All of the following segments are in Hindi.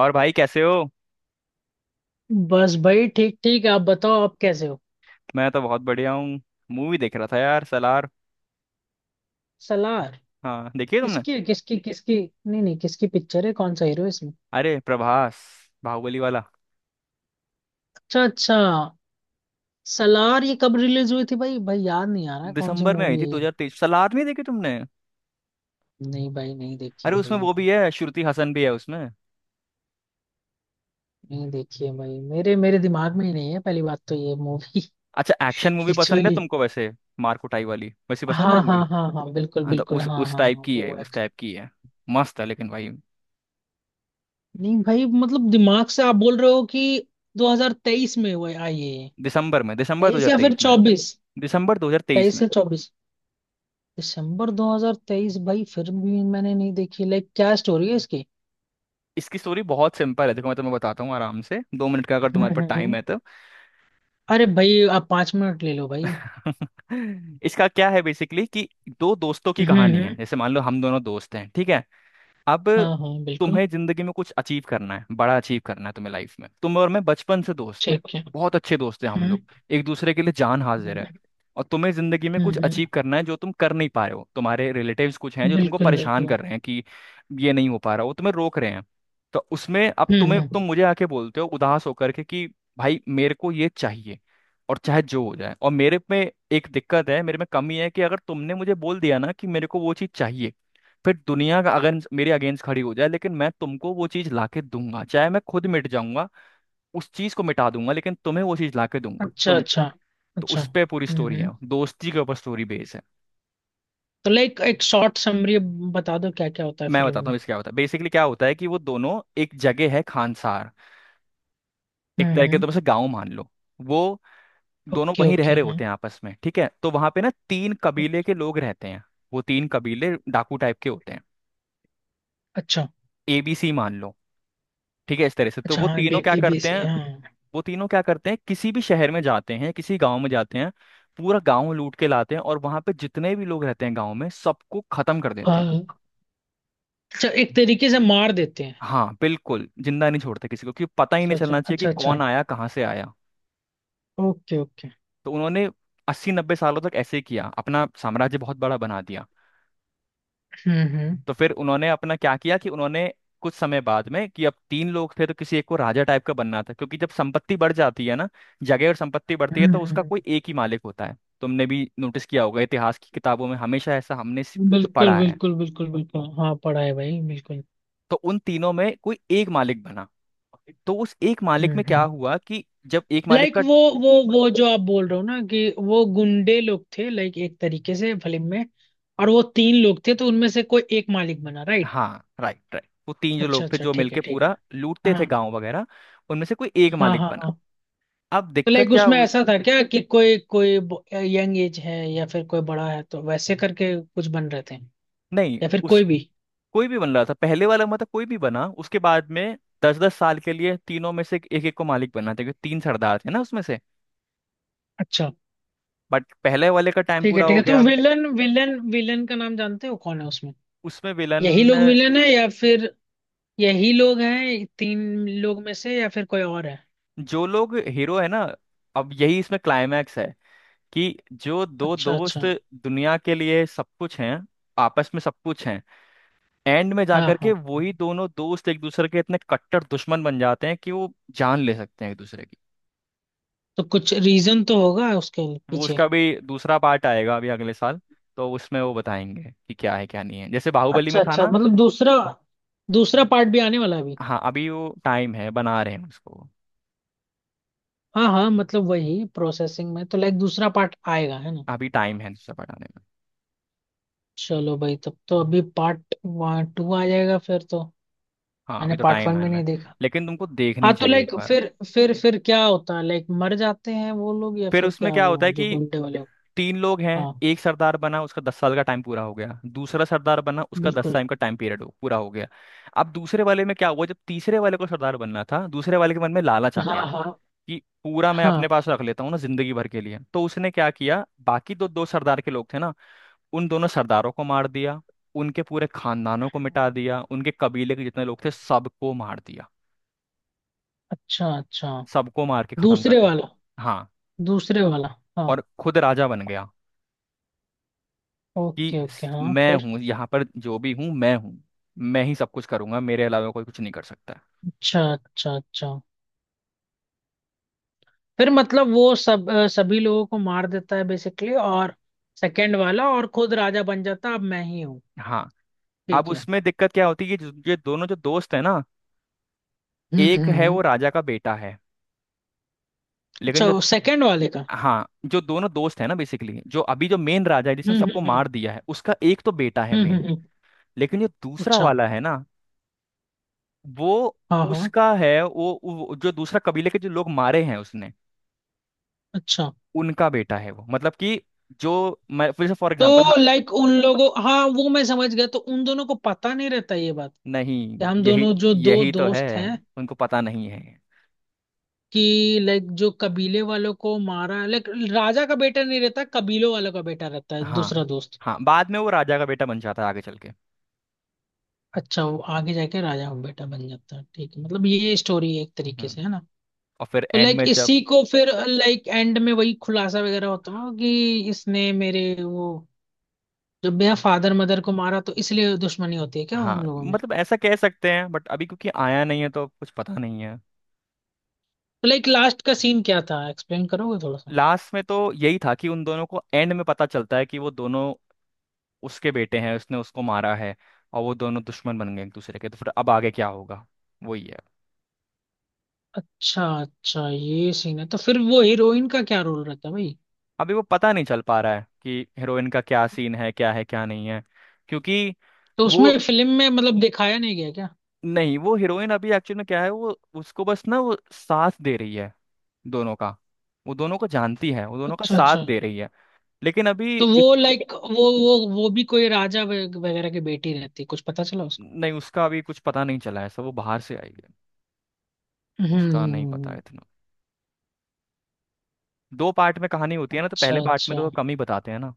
और भाई कैसे हो? बस भाई, ठीक ठीक। आप बताओ, आप कैसे हो? मैं तो बहुत बढ़िया हूँ। मूवी देख रहा था यार, सलार। सलार। हाँ, देखी है तुमने? किसकी है? किसकी? किसकी? नहीं नहीं, किसकी पिक्चर है? कौन सा हीरो है इसमें? अरे प्रभास। बाहुबली वाला। अच्छा अच्छा। सलार ये कब रिलीज हुई थी भाई? याद नहीं आ रहा है कौन सी दिसंबर में आई थी मूवी है। 2023। सलार नहीं देखी तुमने? ये नहीं भाई, नहीं देखी अरे है उसमें भाई। वो भी है, श्रुति हसन भी है उसमें। नहीं देखी है भाई, मेरे मेरे दिमाग में ही नहीं है पहली बात तो ये मूवी। अच्छा, एक्शन मूवी पसंद है एक्चुअली। तुमको वैसे? मार कुटाई वाली वैसी पसंद है हाँ मूवी? हाँ हाँ हाँ, बिल्कुल हाँ तो बिल्कुल, उस हाँ उस हाँ टाइप हाँ, की है, उस टाइप की है। मस्त है लेकिन भाई। नहीं भाई, मतलब दिमाग से आप बोल रहे हो कि 2023 में हुआ आई है ये? दिसंबर में, दिसंबर तेईस या फिर 2023 में। चौबीस? दिसंबर 2023 तेईस में। या चौबीस? दिसंबर 2023, भाई फिर भी मैंने नहीं देखी। लाइक क्या स्टोरी है इसकी? इसकी स्टोरी बहुत सिंपल है। देखो मैं तुम्हें बताता हूँ आराम से, 2 मिनट का अगर हम्म, तुम्हारे हम्म, पास टाइम हम्म। है तो। अरे भाई, आप पांच मिनट ले लो भाई। इसका क्या है, बेसिकली कि दो दोस्तों की कहानी है। हम्म। जैसे मान लो हम दोनों दोस्त हैं, ठीक है। अब हाँ हाँ, बिल्कुल। तुम्हें जिंदगी में कुछ अचीव करना है, बड़ा अचीव करना है तुम्हें लाइफ में। तुम और मैं बचपन से दोस्त हैं, ठीक है। बहुत अच्छे दोस्त हैं हम हम्म, लोग। एक दूसरे के लिए जान हाजिर है। हम्म, और तुम्हें जिंदगी में कुछ हम्म, अचीव करना है जो तुम कर नहीं पा रहे हो, तुम्हारे रिलेटिव्स कुछ हैं जो तुमको बिल्कुल परेशान बिल्कुल। कर रहे हैं कि ये नहीं हो पा रहा, वो तुम्हें रोक रहे हैं। तो उसमें अब हम्म, हम्म। तुम मुझे आके बोलते हो उदास होकर के कि भाई मेरे को ये चाहिए और चाहे जो हो जाए। और मेरे में एक दिक्कत है, मेरे में कमी है कि अगर तुमने मुझे बोल दिया ना कि मेरे को वो चीज़ चाहिए, फिर दुनिया का अगर मेरे अगेंस्ट खड़ी हो जाए लेकिन मैं तुमको वो चीज लाके दूंगा, चाहे मैं खुद मिट जाऊंगा, उस चीज को मिटा दूंगा लेकिन तुम्हें वो चीज लाके दूंगा अच्छा तुम। अच्छा तो अच्छा। उस पे पूरी हम्म, स्टोरी हम्म। है, दोस्ती के ऊपर स्टोरी बेस है। तो लाइक एक शॉर्ट समरी बता दो क्या क्या होता है मैं फिल्म बताता में। हूँ इसका क्या होता है, बेसिकली क्या होता है कि वो दोनों एक जगह है, खानसार। एक हम्म, तरह के हम्म। तुम उसे गाँव मान लो। वो दोनों ओके वहीं रह ओके, रहे हाँ। होते हैं आपस में, ठीक है। तो वहां पे ना तीन कबीले के लोग रहते हैं। वो तीन कबीले डाकू टाइप के होते हैं। अच्छा, एबीसी मान लो, ठीक है, इस तरह से। तो अच्छा वो हाँ तीनों क्या बेबी करते बेबी। हैं, हाँ वो तीनों क्या करते हैं? किसी भी शहर में जाते हैं, किसी गांव में जाते हैं। पूरा गांव लूट के लाते हैं और वहां पे जितने भी लोग रहते हैं गांव में, सबको खत्म कर देते हैं। हाँ। अच्छा, एक तरीके से मार देते हैं? हाँ बिल्कुल, जिंदा नहीं छोड़ते किसी को, क्योंकि पता ही नहीं अच्छा अच्छा चलना चाहिए कि अच्छा अच्छा। कौन आया, कहाँ से आया। Okay okay. तो उन्होंने 80-90 सालों तक ऐसे ही किया, अपना साम्राज्य बहुत बड़ा बना दिया। हम्म, हम्म, तो फिर उन्होंने अपना क्या किया कि उन्होंने कुछ समय बाद में, कि अब तीन लोग थे तो किसी एक को राजा टाइप का बनना था, क्योंकि जब संपत्ति बढ़ जाती है ना, जगह और संपत्ति बढ़ती है हम्म, तो उसका हम्म, कोई एक ही मालिक होता है। तुमने भी नोटिस किया होगा इतिहास की किताबों में, हमेशा ऐसा हमने बिल्कुल पढ़ा है। बिल्कुल बिल्कुल बिल्कुल। हाँ पढ़ा है भाई, बिल्कुल। तो उन तीनों में कोई एक मालिक बना। तो उस एक मालिक हम्म, में क्या हम्म। हुआ कि जब एक मालिक लाइक का, वो, वो जो आप बोल रहे हो ना कि वो गुंडे लोग थे, लाइक एक तरीके से फिल्म में। और वो तीन लोग थे तो उनमें से कोई एक मालिक बना, राइट? हाँ राइट राइट, वो तीन जो अच्छा लोग थे अच्छा, जो ठीक है मिलके ठीक है। पूरा लूटते हाँ थे गांव वगैरह। उनमें से कोई एक हाँ मालिक हाँ। बना। हाँ। अब तो दिक्कत लाइक क्या उसमें हुई? ऐसा था क्या कि कोई कोई यंग एज है, या फिर कोई बड़ा है, तो वैसे करके कुछ बन रहे थे? नहीं, या फिर कोई भी? कोई भी बन रहा था पहले वाला, मतलब कोई भी बना उसके बाद में। 10-10 साल के लिए तीनों में से एक एक को मालिक बनना था, क्योंकि तीन सरदार थे ना उसमें से। अच्छा। बट पहले वाले का टाइम ठीक है पूरा ठीक हो है। तो गया। विलन, विलन, विलन का नाम जानते हो कौन है उसमें? उसमें यही विलन, लोग विलेन है या फिर? यही लोग हैं तीन लोग में से, या फिर कोई और है? जो लोग हीरो है ना, अब यही इसमें क्लाइमैक्स है कि जो दो अच्छा दोस्त अच्छा। दुनिया के लिए सब कुछ हैं, आपस में सब कुछ हैं, एंड में हाँ जाकर के हाँ। वही दोनों दोस्त एक दूसरे के इतने कट्टर दुश्मन बन जाते हैं कि वो जान ले सकते हैं एक दूसरे की। तो कुछ रीजन तो होगा उसके वो पीछे। उसका भी दूसरा पार्ट आएगा अभी अगले साल। तो उसमें वो बताएंगे कि क्या है क्या नहीं है, जैसे बाहुबली में अच्छा था अच्छा, ना। मतलब दूसरा, दूसरा पार्ट भी आने वाला है अभी? हाँ अभी वो टाइम है, बना रहे हैं उसको। हाँ हाँ, मतलब वही प्रोसेसिंग में, तो लाइक दूसरा पार्ट आएगा, है ना? अभी टाइम है दूसरा बनाने में। चलो भाई, तब तो अभी पार्ट वन टू आ जाएगा फिर तो। हाँ मैंने अभी तो पार्ट टाइम वन है भी इनमें। नहीं देखा। लेकिन तुमको हाँ देखनी तो चाहिए एक लाइक बार। फिर क्या होता है, लाइक मर जाते हैं वो लोग या फिर फिर उसमें क्या क्या होता वो है जो कि गुंडे वाले? तीन लोग हैं। हाँ। एक सरदार बना, उसका 10 साल का टाइम पूरा हो गया, दूसरा सरदार बना उसका दस बिल्कुल। टाइम का टाइम पीरियड हो पूरा हो गया। अब दूसरे वाले में क्या हुआ, जब तीसरे वाले को सरदार बनना था, दूसरे वाले के मन में लालच आ गया हाँ हाँ कि पूरा मैं अपने हाँ। पास रख लेता हूँ ना जिंदगी भर के लिए। तो उसने क्या किया, बाकी दो दो सरदार के लोग थे ना, उन दोनों सरदारों को मार दिया, उनके पूरे खानदानों को मिटा दिया, उनके कबीले के जितने लोग थे सबको मार दिया। अच्छा अच्छा। सबको मार के खत्म कर दूसरे दिया। वाला? हाँ, दूसरे वाला। हाँ। और खुद राजा बन गया। कि ओके ओके, हाँ मैं फिर? हूँ यहाँ पर, जो भी हूँ मैं हूँ। मैं ही सब कुछ करूंगा, मेरे अलावा कोई कुछ नहीं कर सकता। अच्छा अच्छा अच्छा। फिर मतलब वो सब सभी लोगों को मार देता है बेसिकली, और सेकंड वाला और खुद राजा बन जाता, अब मैं ही हूँ। हाँ। अब ठीक है। उसमें दिक्कत क्या होती है, ये ये दोनों जो दोस्त है ना, हम्म, हम्म, एक है वो राजा का बेटा है। लेकिन अच्छा, जो, वो सेकंड वाले का? हाँ, जो दोनों दोस्त है ना बेसिकली, जो अभी जो मेन राजा है जिसने हम्म, सबको हम्म, हम्म, मार दिया है, उसका एक तो बेटा है हम्म, मेन। लेकिन जो दूसरा अच्छा। वाला है ना, वो हाँ हाँ। उसका है वो, जो दूसरा कबीले के जो लोग मारे हैं उसने, अच्छा। उनका बेटा है वो, मतलब कि जो, मैं फिर से फॉर एग्जाम्पल, तो लाइक उन लोगों, हाँ वो मैं समझ गया, तो उन दोनों को पता नहीं रहता ये बात नहीं कि हम यही दोनों जो दो यही तो है। दोस्त हैं? उनको पता नहीं है। कि लाइक जो कबीले वालों को मारा, लाइक राजा का बेटा नहीं रहता, कबीलों वालों का बेटा रहता है हाँ दूसरा दोस्त? हाँ, बाद में वो राजा का बेटा बन जाता है आगे चल के। अच्छा, वो आगे जाके राजा का बेटा बन जाता है, ठीक है, मतलब ये स्टोरी है एक तरीके से, हम्म। है ना? और फिर तो एंड लाइक में जब, इसी को फिर, लाइक एंड में वही खुलासा वगैरह होता हो कि इसने मेरे वो, जब मेरा फादर मदर को मारा, तो इसलिए दुश्मनी होती है क्या हाँ उन लोगों में? मतलब ऐसा कह सकते हैं, बट अभी क्योंकि आया नहीं है तो कुछ पता नहीं। तो लाइक लास्ट का सीन क्या था, एक्सप्लेन करोगे थोड़ा सा? लास्ट में तो यही था कि उन दोनों को एंड में पता चलता है कि वो दोनों उसके बेटे हैं, उसने उसको मारा है, और वो दोनों दुश्मन बन गए एक दूसरे के। तो फिर अब आगे क्या होगा, वही है। अच्छा अच्छा, ये सीन है। तो फिर वो हीरोइन का क्या रोल रहता है भाई? अभी वो पता नहीं चल पा रहा है कि हीरोइन का क्या सीन है, क्या है क्या नहीं है, क्योंकि तो वो, उसमें फिल्म में मतलब दिखाया नहीं गया क्या? नहीं वो हीरोइन अभी एक्चुअल में क्या है वो, उसको बस ना वो साथ दे रही है दोनों का। वो दोनों को जानती है, वो दोनों का अच्छा साथ अच्छा। दे रही है। लेकिन अभी तो वो लाइक, वो वो भी कोई राजा वगैरह की बेटी रहती है? कुछ पता चला उसको? नहीं उसका अभी कुछ पता नहीं चला है, सब वो बाहर से आई है। हम्म, उसका नहीं पता है हम्म। इतना। दो पार्ट में कहानी होती है ना, तो अच्छा पहले पार्ट में अच्छा। तो कम ही बताते हैं ना।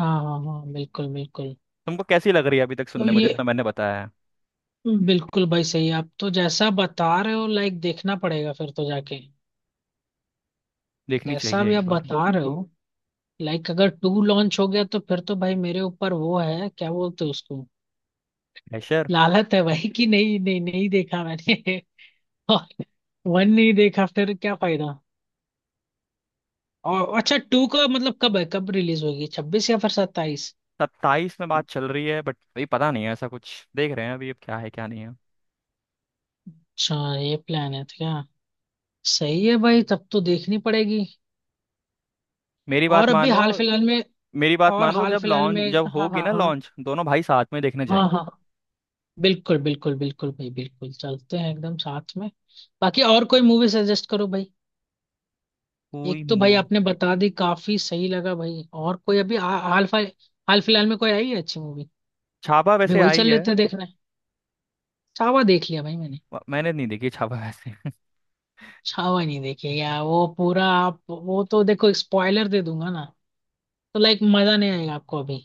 हाँ हाँ हाँ, बिल्कुल बिल्कुल। तुमको कैसी लग रही है अभी तक, तो सुनने में ये, जितना मैंने बताया है? बिल्कुल भाई सही है। आप तो जैसा बता रहे हो, लाइक देखना पड़ेगा फिर तो जाके। देखनी जैसा चाहिए भी एक आप बार। बता रहे हो, लाइक अगर टू लॉन्च हो गया, तो फिर तो भाई मेरे ऊपर वो है, क्या बोलते हैं उसको, प्रेशर। लालत है भाई कि नहीं नहीं, नहीं देखा मैंने। और वन नहीं देखा, फिर क्या फायदा। और अच्छा, टू का मतलब कब है, कब रिलीज होगी, छब्बीस या फिर सत्ताईस? 27 में बात चल रही है, बट अभी पता नहीं है, ऐसा कुछ देख रहे हैं अभी, अब क्या है क्या नहीं है। अच्छा, ये प्लान है तो क्या, सही है भाई, तब तो देखनी पड़ेगी। मेरी और बात अभी मानो। हाल फिलहाल में। मेरी बात और मानो, तो हाल जब फिलहाल लॉन्च में। जब हाँ होगी हाँ ना हाँ। लॉन्च, दोनों भाई साथ में देखने हाँ जाएंगे। हाँ। बिल्कुल बिल्कुल बिल्कुल भाई, बिल्कुल चलते हैं एकदम साथ में। बाकी और कोई मूवी सजेस्ट करो भाई। कोई एक तो भाई आपने मूवी, बता दी, काफी सही लगा भाई। और कोई अभी हाल फिलहाल, हाल फिलहाल में कोई आई है अच्छी मूवी? छापा अभी वैसे वही आई चल है। लेते हैं देखना है। छावा देख लिया भाई मैंने। मैंने नहीं देखी छापा वैसे। छावा नहीं देखी है यार वो, पूरा आप, वो तो देखो स्पॉइलर दे दूंगा ना, तो लाइक मजा नहीं आएगा आपको अभी।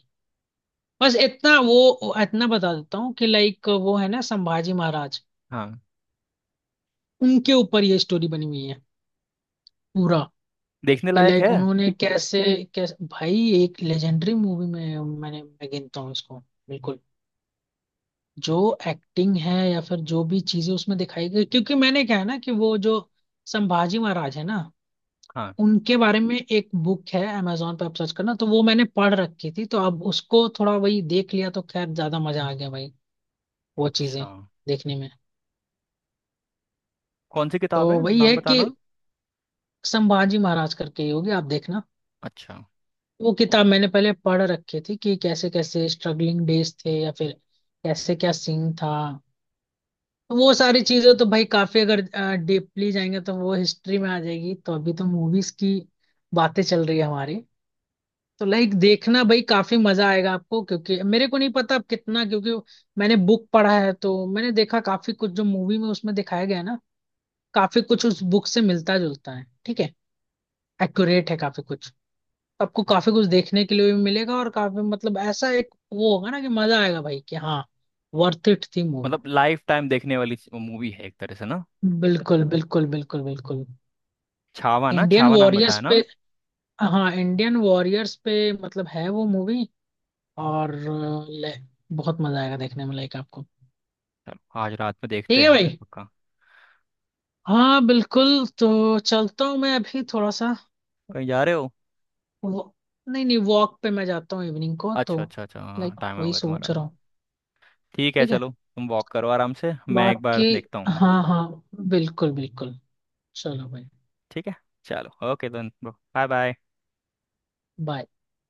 बस इतना वो, इतना बता देता हूँ कि लाइक वो है ना संभाजी महाराज, हाँ। उनके ऊपर ये स्टोरी बनी हुई है पूरा। देखने कि लायक है। लाइक उन्होंने कैसे, कैसे भाई, एक लेजेंडरी मूवी में मैंने, मैं गिनता हूँ इसको। बिल्कुल। जो एक्टिंग है, या फिर जो भी चीजें उसमें दिखाई गई, क्योंकि मैंने क्या है ना कि वो जो संभाजी महाराज है ना, हाँ। उनके बारे में एक बुक है, Amazon पे आप सर्च करना, तो वो मैंने पढ़ रखी थी, तो अब उसको थोड़ा वही देख लिया, तो खैर ज्यादा मजा आ गया भाई वो चीजें अच्छा, देखने में। कौन सी तो किताब है, वही नाम है कि बताना। संभाजी महाराज करके ही होगी, आप देखना। अच्छा। वो किताब मैंने पहले पढ़ रखी थी, कि कैसे कैसे स्ट्रगलिंग डेज थे, या फिर कैसे क्या सीन था। तो वो सारी चीजें तो भाई काफी, अगर डीपली जाएंगे तो वो हिस्ट्री में आ जाएगी, तो अभी तो मूवीज की बातें चल रही है हमारी। तो लाइक देखना भाई, काफी मजा आएगा आपको, क्योंकि मेरे को नहीं पता अब कितना, क्योंकि मैंने बुक पढ़ा है, तो मैंने देखा काफी कुछ जो मूवी में उसमें दिखाया गया है ना, काफी कुछ उस बुक से मिलता जुलता है, ठीक है एक्यूरेट है काफी कुछ। आपको काफी कुछ देखने के लिए भी मिलेगा, और काफी मतलब ऐसा एक वो होगा ना कि मजा आएगा भाई कि हाँ वर्थ इट थी मूवी। मतलब लाइफ टाइम देखने वाली मूवी है एक तरह से ना। बिल्कुल बिल्कुल बिल्कुल बिल्कुल। छावा ना? इंडियन छावा नाम वॉरियर्स बताया पे, ना? हाँ इंडियन वॉरियर्स पे मतलब है वो मूवी। और बहुत मजा आएगा देखने में लाइक आपको। चलो आज रात में ठीक देखते है हैं फिर भाई। पक्का। हाँ बिल्कुल, तो चलता हूँ मैं अभी थोड़ा सा। कहीं जा रहे हो? वो, नहीं नहीं, वॉक पे मैं जाता हूँ इवनिंग को अच्छा तो, अच्छा अच्छा, हाँ लाइक टाइम हो वही गया तुम्हारा। सोच रहा हूँ। ठीक है ठीक है। चलो, तुम वॉक करो आराम से, मैं एक बाकी बार देखता हूँ। हाँ हाँ, बिल्कुल बिल्कुल, चलो भाई। ठीक है चलो, okay then bro, bye bye. Bye.